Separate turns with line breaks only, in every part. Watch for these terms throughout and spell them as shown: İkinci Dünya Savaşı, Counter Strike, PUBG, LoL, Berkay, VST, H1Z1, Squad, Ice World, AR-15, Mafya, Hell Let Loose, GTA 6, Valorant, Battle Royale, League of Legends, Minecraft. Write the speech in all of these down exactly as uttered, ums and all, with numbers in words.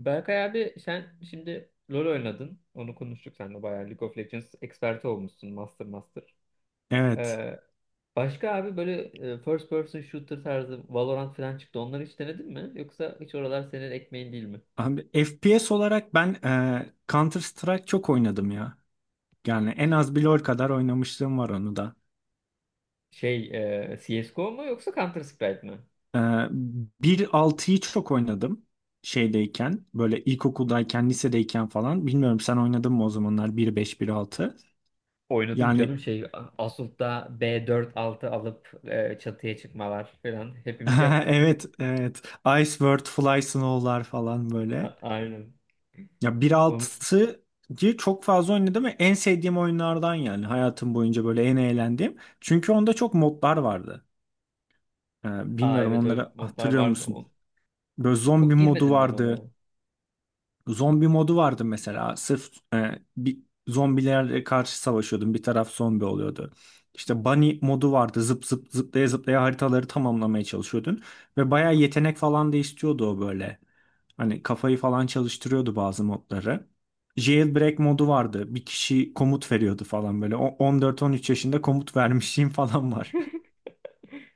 Berkay abi, sen şimdi LoL oynadın. Onu konuştuk seninle bayağı. League of Legends eksperti olmuşsun. Master Master.
Evet.
Ee, Başka abi böyle e, first person shooter tarzı Valorant falan çıktı. Onları hiç denedin mi? Yoksa hiç oralar senin ekmeğin değil mi?
Abi F P S olarak ben e, Counter Strike çok oynadım ya. Yani en az bir LoL kadar oynamışlığım var onu da.
Şey, e, C S G O mu yoksa Counter Strike mi?
E, bir altıyı çok oynadım şeydeyken. Böyle ilkokuldayken, lisedeyken falan. Bilmiyorum sen oynadın mı o zamanlar bir beş bir altı.
Oynadım canım,
Yani
şey Assault'ta B dört altı alıp e, çatıya çıkmalar falan hepimiz yaptık.
evet, evet. Ice World, Fly Snow'lar falan böyle.
A- aynen.
Ya
Onu...
bir altıyı çok fazla oynadım ve en sevdiğim oyunlardan, yani hayatım boyunca böyle en eğlendiğim. Çünkü onda çok modlar vardı. Ee,
Aa
bilmiyorum
evet, öyle
onları
modlar
hatırlıyor
vardı.
musun?
O-
Böyle zombi
Çok
modu
girmedim ben onlara.
vardı. Zombi modu vardı mesela. Sırf e, bir zombilerle karşı savaşıyordun. Bir taraf zombi oluyordu. İşte bunny modu vardı. Zıp zıp zıplaya zıplaya haritaları tamamlamaya çalışıyordun. Ve bayağı yetenek falan da istiyordu o böyle. Hani kafayı falan çalıştırıyordu bazı modları. Jailbreak modu vardı. Bir kişi komut veriyordu falan böyle. O- on dört on üç yaşında komut vermişliğim falan var.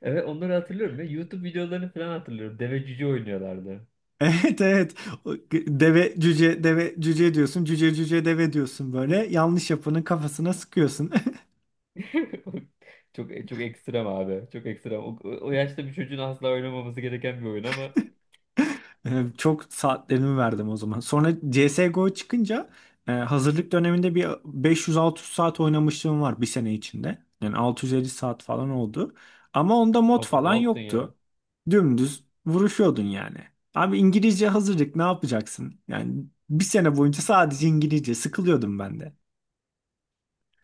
Evet, onları hatırlıyorum ya. YouTube videolarını falan hatırlıyorum. Deve cüce oynuyorlardı.
Evet, evet. O deve cüce deve cüce diyorsun. Cüce cüce deve diyorsun böyle. Yanlış yapanın kafasına sıkıyorsun.
Çok çok ekstrem abi. Çok ekstrem. O, o yaşta bir çocuğun asla oynamaması gereken bir oyun ama
Ee, Çok saatlerimi verdim o zaman. Sonra C S G O çıkınca e, hazırlık döneminde bir beş yüz, altı yüz saat oynamışlığım var bir sene içinde. Yani altı yüz elli saat falan oldu. Ama onda mod
abi ne
falan
yaptın ya?
yoktu. Dümdüz vuruşuyordun yani. Abi İngilizce hazırlık ne yapacaksın? Yani bir sene boyunca sadece İngilizce sıkılıyordum ben.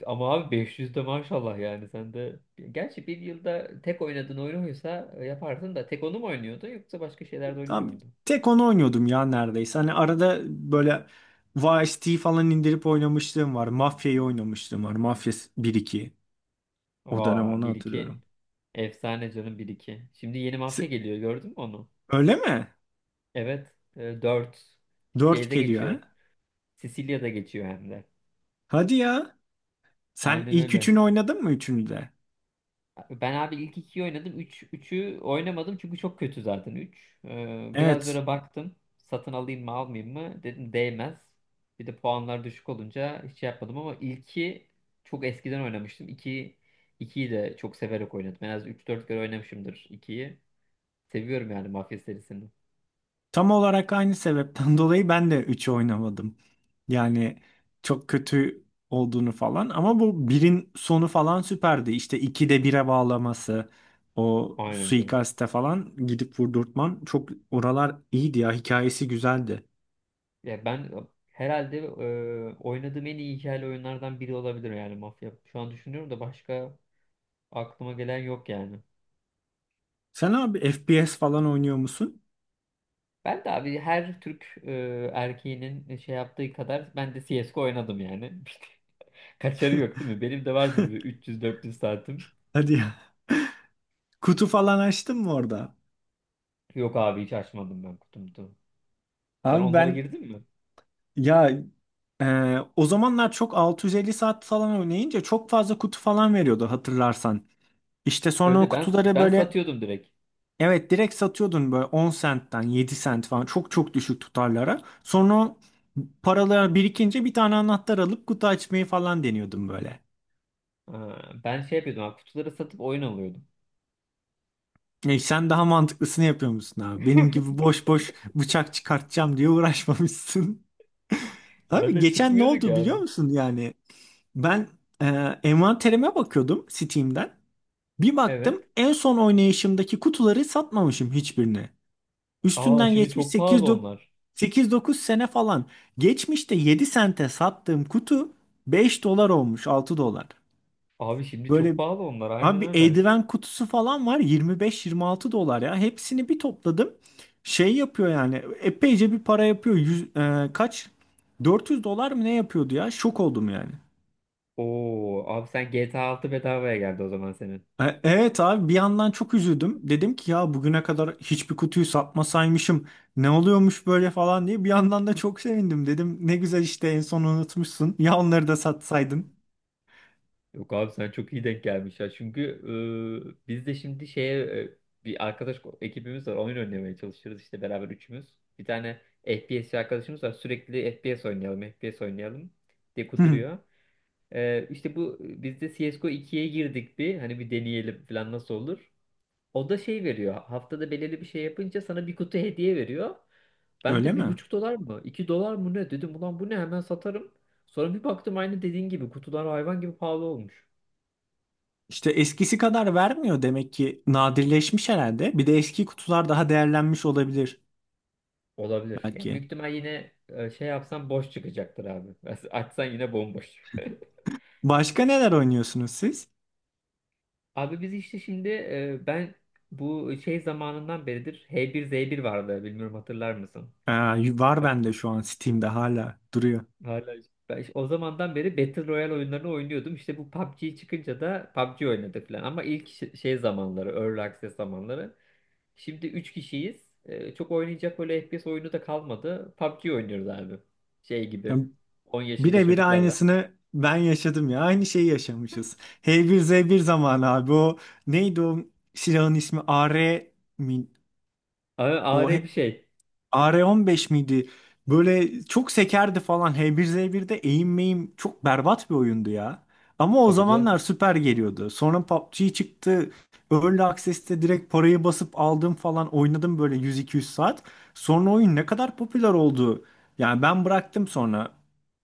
Ama abi beş yüz de maşallah, yani sen de. Gerçi bir yılda tek oynadığın oyun oysa yaparsın da, tek onu mu oynuyordun yoksa başka şeyler de oynuyor
Abi,
muydun?
tek onu oynuyordum ya neredeyse. Hani arada böyle V S T falan indirip oynamışlığım var. Mafya'yı oynamışlığım var. Mafya bir iki. O dönem
Aa
onu
bir iki,
hatırlıyorum.
efsane canım bir iki. Şimdi yeni mafya
Se-
geliyor, gördün mü onu?
Öyle mi?
Evet, dört
Dört
şeyde
geliyor
geçiyor.
ha?
Sicilya'da geçiyor hem de.
Hadi ya. Sen
Aynen
ilk
öyle.
üçünü oynadın mı, üçünü de?
Ben abi ilk ikiyi oynadım. Üç, üçü oynamadım çünkü çok kötü zaten üç. Ee, biraz
Evet.
böyle baktım. Satın alayım mı almayayım mı? Dedim değmez. Bir de puanlar düşük olunca hiç şey yapmadım, ama ilki çok eskiden oynamıştım. İki, ikiyi de çok severek oynadım. En az üç dört kere oynamışımdır ikiyi. Seviyorum yani Mafya serisini.
Tam olarak aynı sebepten dolayı ben de üçü oynamadım. Yani çok kötü olduğunu falan, ama bu birin sonu falan süperdi. İşte ikide bire bağlaması, o
Aynen canım.
suikaste falan gidip vurdurtman, çok oralar iyiydi ya, hikayesi güzeldi.
Ya ben herhalde e, oynadığım en iyi hikayeli oyunlardan biri olabilir yani Mafya. Şu an düşünüyorum da, başka aklıma gelen yok yani.
Sen abi F P S falan oynuyor musun?
Ben de abi her Türk e, erkeğinin şey yaptığı kadar ben de C S G O oynadım yani. Kaçarı yok değil mi? Benim de vardır bir üç yüz dört yüz saatim.
Hadi ya. Kutu falan açtın mı orada?
Yok abi, hiç açmadım ben kutumuzu. Sen
Abi
onlara
ben
girdin mi?
ya e, o zamanlar çok altı yüz elli saat falan oynayınca çok fazla kutu falan veriyordu, hatırlarsan. İşte
Öyle
sonra o
de ben
kutuları
ben
böyle,
satıyordum direkt.
evet, direkt satıyordun, böyle on sentten yedi sent falan, çok çok düşük tutarlara. Sonra o paralar birikince bir tane anahtar alıp kutu açmayı falan deniyordum böyle.
Ha, ben şey yapıyordum abi, kutuları satıp oyun alıyordum.
E sen daha mantıklısını yapıyor musun abi? Benim gibi boş boş bıçak çıkartacağım diye uğraşmamışsın. Abi
Zaten
geçen ne
çıkmıyorduk
oldu
ya
biliyor
abi.
musun yani? Ben e, envanterime bakıyordum Steam'den. Bir baktım,
Evet.
en son oynayışımdaki kutuları satmamışım hiçbirini.
Aa
Üstünden
şimdi
geçmiş
çok pahalı onlar.
sekiz dokuz sene falan. Geçmişte yedi sente sattığım kutu beş dolar olmuş, altı dolar.
Abi şimdi çok
Böyle
pahalı onlar,
abi
aynen
bir
öyle.
eldiven kutusu falan var, yirmi beş yirmi altı dolar ya. Hepsini bir topladım. Şey yapıyor yani, epeyce bir para yapıyor. Yüz- e, kaç? Dört yüz dolar mı ne yapıyordu ya? Şok oldum yani.
Oo abi, sen G T A altı bedavaya geldi o zaman senin.
E- Evet abi, bir yandan çok üzüldüm. Dedim ki ya, bugüne kadar hiçbir kutuyu satmasaymışım. Ne oluyormuş böyle falan diye. Bir yandan da çok sevindim. Dedim ne güzel işte, en son unutmuşsun. Ya onları da satsaydın.
Yok abi, sen çok iyi denk gelmiş ya. Çünkü e, biz de şimdi şeye, e, bir arkadaş ko- ekibimiz var. Oyun oynamaya çalışırız işte beraber üçümüz. Bir tane F P S arkadaşımız var. Sürekli F P S oynayalım, F P S oynayalım diye
Hı.
kuduruyor. E, işte bu biz de C S G O ikiye girdik bir. Hani bir deneyelim falan, nasıl olur. O da şey veriyor. Haftada belirli bir şey yapınca sana bir kutu hediye veriyor. Ben
Öyle
de bir
mi?
buçuk dolar mı, iki dolar mı ne? Dedim ulan bu ne? Hemen satarım. Sonra bir baktım, aynı dediğin gibi kutular hayvan gibi pahalı olmuş.
İşte eskisi kadar vermiyor demek ki. Nadirleşmiş herhalde. Bir de eski kutular daha değerlenmiş olabilir
Olabilir. Yani
belki.
büyük ihtimal yine, e, şey yapsan boş çıkacaktır abi. Açsan yine bomboş.
Başka neler oynuyorsunuz siz?
Abi biz işte şimdi, e, ben bu şey zamanından beridir H bir Z bir vardı, bilmiyorum hatırlar mısın?
Aa, var bende şu an Steam'de hala duruyor.
Hala işte- ben işte o zamandan beri Battle Royale oyunlarını oynuyordum. İşte bu P U B G çıkınca da P U B G oynadık falan. Ama ilk ş- şey zamanları, Early Access zamanları. Şimdi üç kişiyiz. E, çok oynayacak böyle F P S oyunu da kalmadı. P U B G oynuyoruz abi. Şey gibi. On yaşında
Birebir
çocuklarla.
aynısını ben yaşadım ya. Aynı şeyi yaşamışız. H bir Z bir zamanı abi, o neydi o silahın ismi? A. R. mi?
A- Ağır
O
bir şey.
A R on beş miydi? Böyle çok sekerdi falan. H bir z birde eğim meyim çok berbat bir oyundu ya. Ama o
Tabii canım,
zamanlar süper geliyordu. Sonra P U B G çıktı. Early Access'te direkt parayı basıp aldım falan, oynadım böyle yüz iki yüz saat. Sonra oyun ne kadar popüler oldu. Yani ben bıraktım sonra.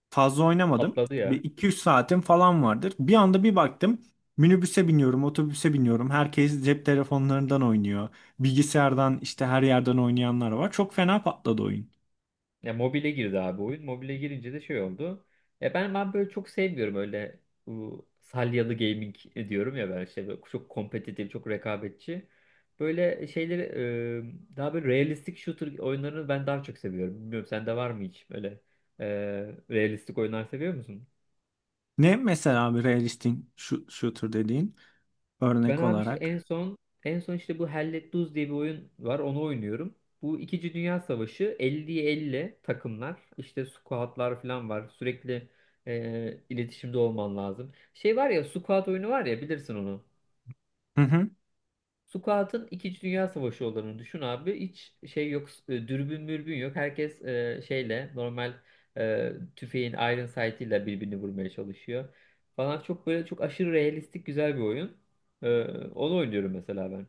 Fazla oynamadım.
patladı ya.
Bir iki üç saatim falan vardır. Bir anda bir baktım, minibüse biniyorum, otobüse biniyorum, herkes cep telefonlarından oynuyor. Bilgisayardan işte, her yerden oynayanlar var. Çok fena patladı oyun.
Ya mobile girdi abi oyun. Mobile girince de şey oldu. Ya ben ben böyle çok sevmiyorum öyle, bu salyalı gaming e, diyorum ya, ben işte böyle çok kompetitif, çok rekabetçi. Böyle şeyleri, e, daha böyle realistik shooter oyunlarını ben daha çok seviyorum. Bilmiyorum sende var mı hiç böyle, e, realistik oyunlar seviyor musun?
Ne mesela bir realistic shoot- shooter dediğin,
Ben
örnek
abi işte en
olarak?
son en son işte bu Hell Let Loose diye bir oyun var. Onu oynuyorum. Bu İkinci Dünya Savaşı, elliye elli takımlar işte squadlar falan var. Sürekli e, iletişimde olman lazım. Şey var ya, squad oyunu var ya, bilirsin onu.
Hı hı.
Squad'ın İkinci Dünya Savaşı olduğunu düşün abi. Hiç şey yok, e, dürbün mürbün yok. Herkes e, şeyle normal, e, tüfeğin iron sight'ıyla birbirini vurmaya çalışıyor. Falan, çok böyle çok aşırı realistik güzel bir oyun. E, Onu oynuyorum mesela ben.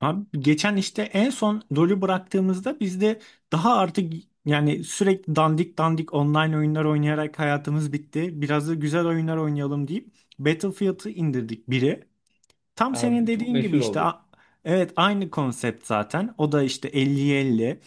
Abi geçen işte en son LoL'ü bıraktığımızda biz de, daha artık yani sürekli dandik dandik online oyunlar oynayarak hayatımız bitti. Biraz da güzel oyunlar oynayalım deyip Battlefield'ı indirdik biri. Tam senin
Abi çok
dediğin gibi
meşhur
işte,
oldu.
a- evet, aynı konsept zaten. O da işte elli 50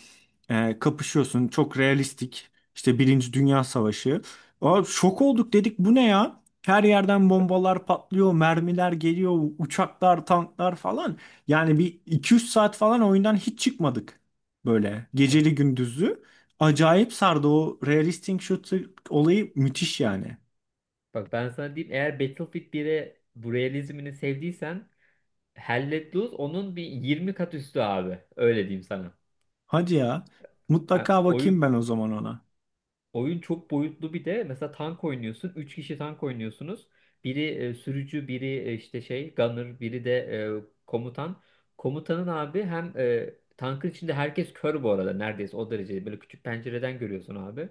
e, kapışıyorsun. Çok realistik. İşte Birinci Dünya Savaşı. Aa, şok olduk, dedik bu ne ya? Her yerden bombalar patlıyor, mermiler geliyor, uçaklar, tanklar falan. Yani bir iki üç saat falan oyundan hiç çıkmadık. Böyle
Bak
geceli gündüzlü. Acayip sardı o realistic shooter olayı, müthiş yani.
bak ben sana diyeyim, eğer Battlefield bire bu realizmini sevdiysen Hell Let Loose onun bir yirmi kat üstü abi. Öyle diyeyim sana.
Hadi ya.
Ha,
Mutlaka bakayım
oyun
ben o zaman ona.
Oyun çok boyutlu, bir de mesela tank oynuyorsun. Üç kişi tank oynuyorsunuz. Biri e, sürücü, biri e, işte şey gunner, biri de e, komutan. Komutanın abi hem, e, tankın içinde herkes kör bu arada neredeyse, o derece. Böyle küçük pencereden görüyorsun abi.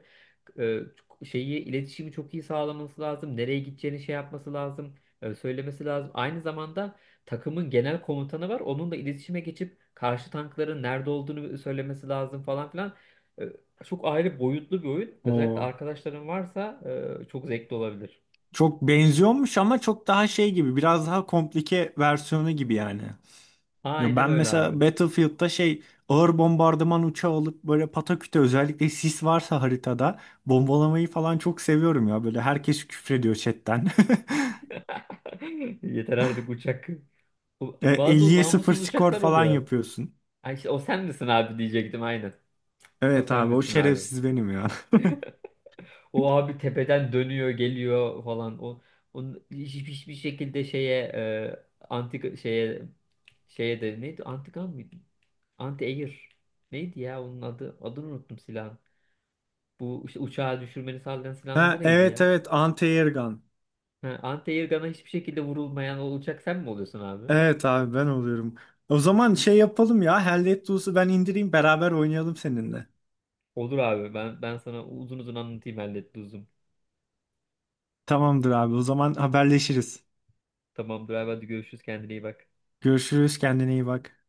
E, Şeyi, iletişimi çok iyi sağlaması lazım. Nereye gideceğini şey yapması lazım. e, söylemesi lazım. Aynı zamanda takımın genel komutanı var. Onun da iletişime geçip karşı tankların nerede olduğunu söylemesi lazım falan filan. E, Çok ayrı boyutlu bir oyun. Özellikle
O
arkadaşların varsa e, çok zevkli olabilir.
çok benziyormuş ama çok daha şey gibi, biraz daha komplike versiyonu gibi yani. Ya
Aynen
ben
öyle abi.
mesela Battlefield'da şey, ağır bombardıman uçağı alıp böyle pataküte, özellikle sis varsa haritada bombalamayı falan çok seviyorum ya. Böyle herkes küfrediyor chatten.
Yeter artık uçak. Bu-
E,
Bazı o
elliye sıfır
namussuz
skor
uçaklar
falan
oluyor.
yapıyorsun.
Ay işte o sen misin abi diyecektim, aynen. O
Evet
sen
abi o
misin abi.
şerefsiz benim ya.
O abi tepeden dönüyor geliyor falan. O onun hiç- hiç- hiçbir şekilde şeye, e, anti şeye, şeye de neydi? Antikan mıydı? Anti air. Neydi ya onun adı? Adını unuttum silahın. Bu işte uçağı düşürmeni sağlayan silahın adı
Ha,
neydi
evet
ya?
evet, anti-air gun.
Ha, anti-airgun'a hiçbir şekilde vurulmayan olacak, sen mi oluyorsun abi?
Evet abi ben oluyorum. O zaman şey yapalım ya, Hell Let Loose'u ben indireyim, beraber oynayalım seninle.
Olur abi, ben ben sana uzun uzun anlatayım hallet uzun.
Tamamdır abi, o zaman haberleşiriz.
Tamamdır abi, hadi görüşürüz, kendine iyi bak.
Görüşürüz, kendine iyi bak.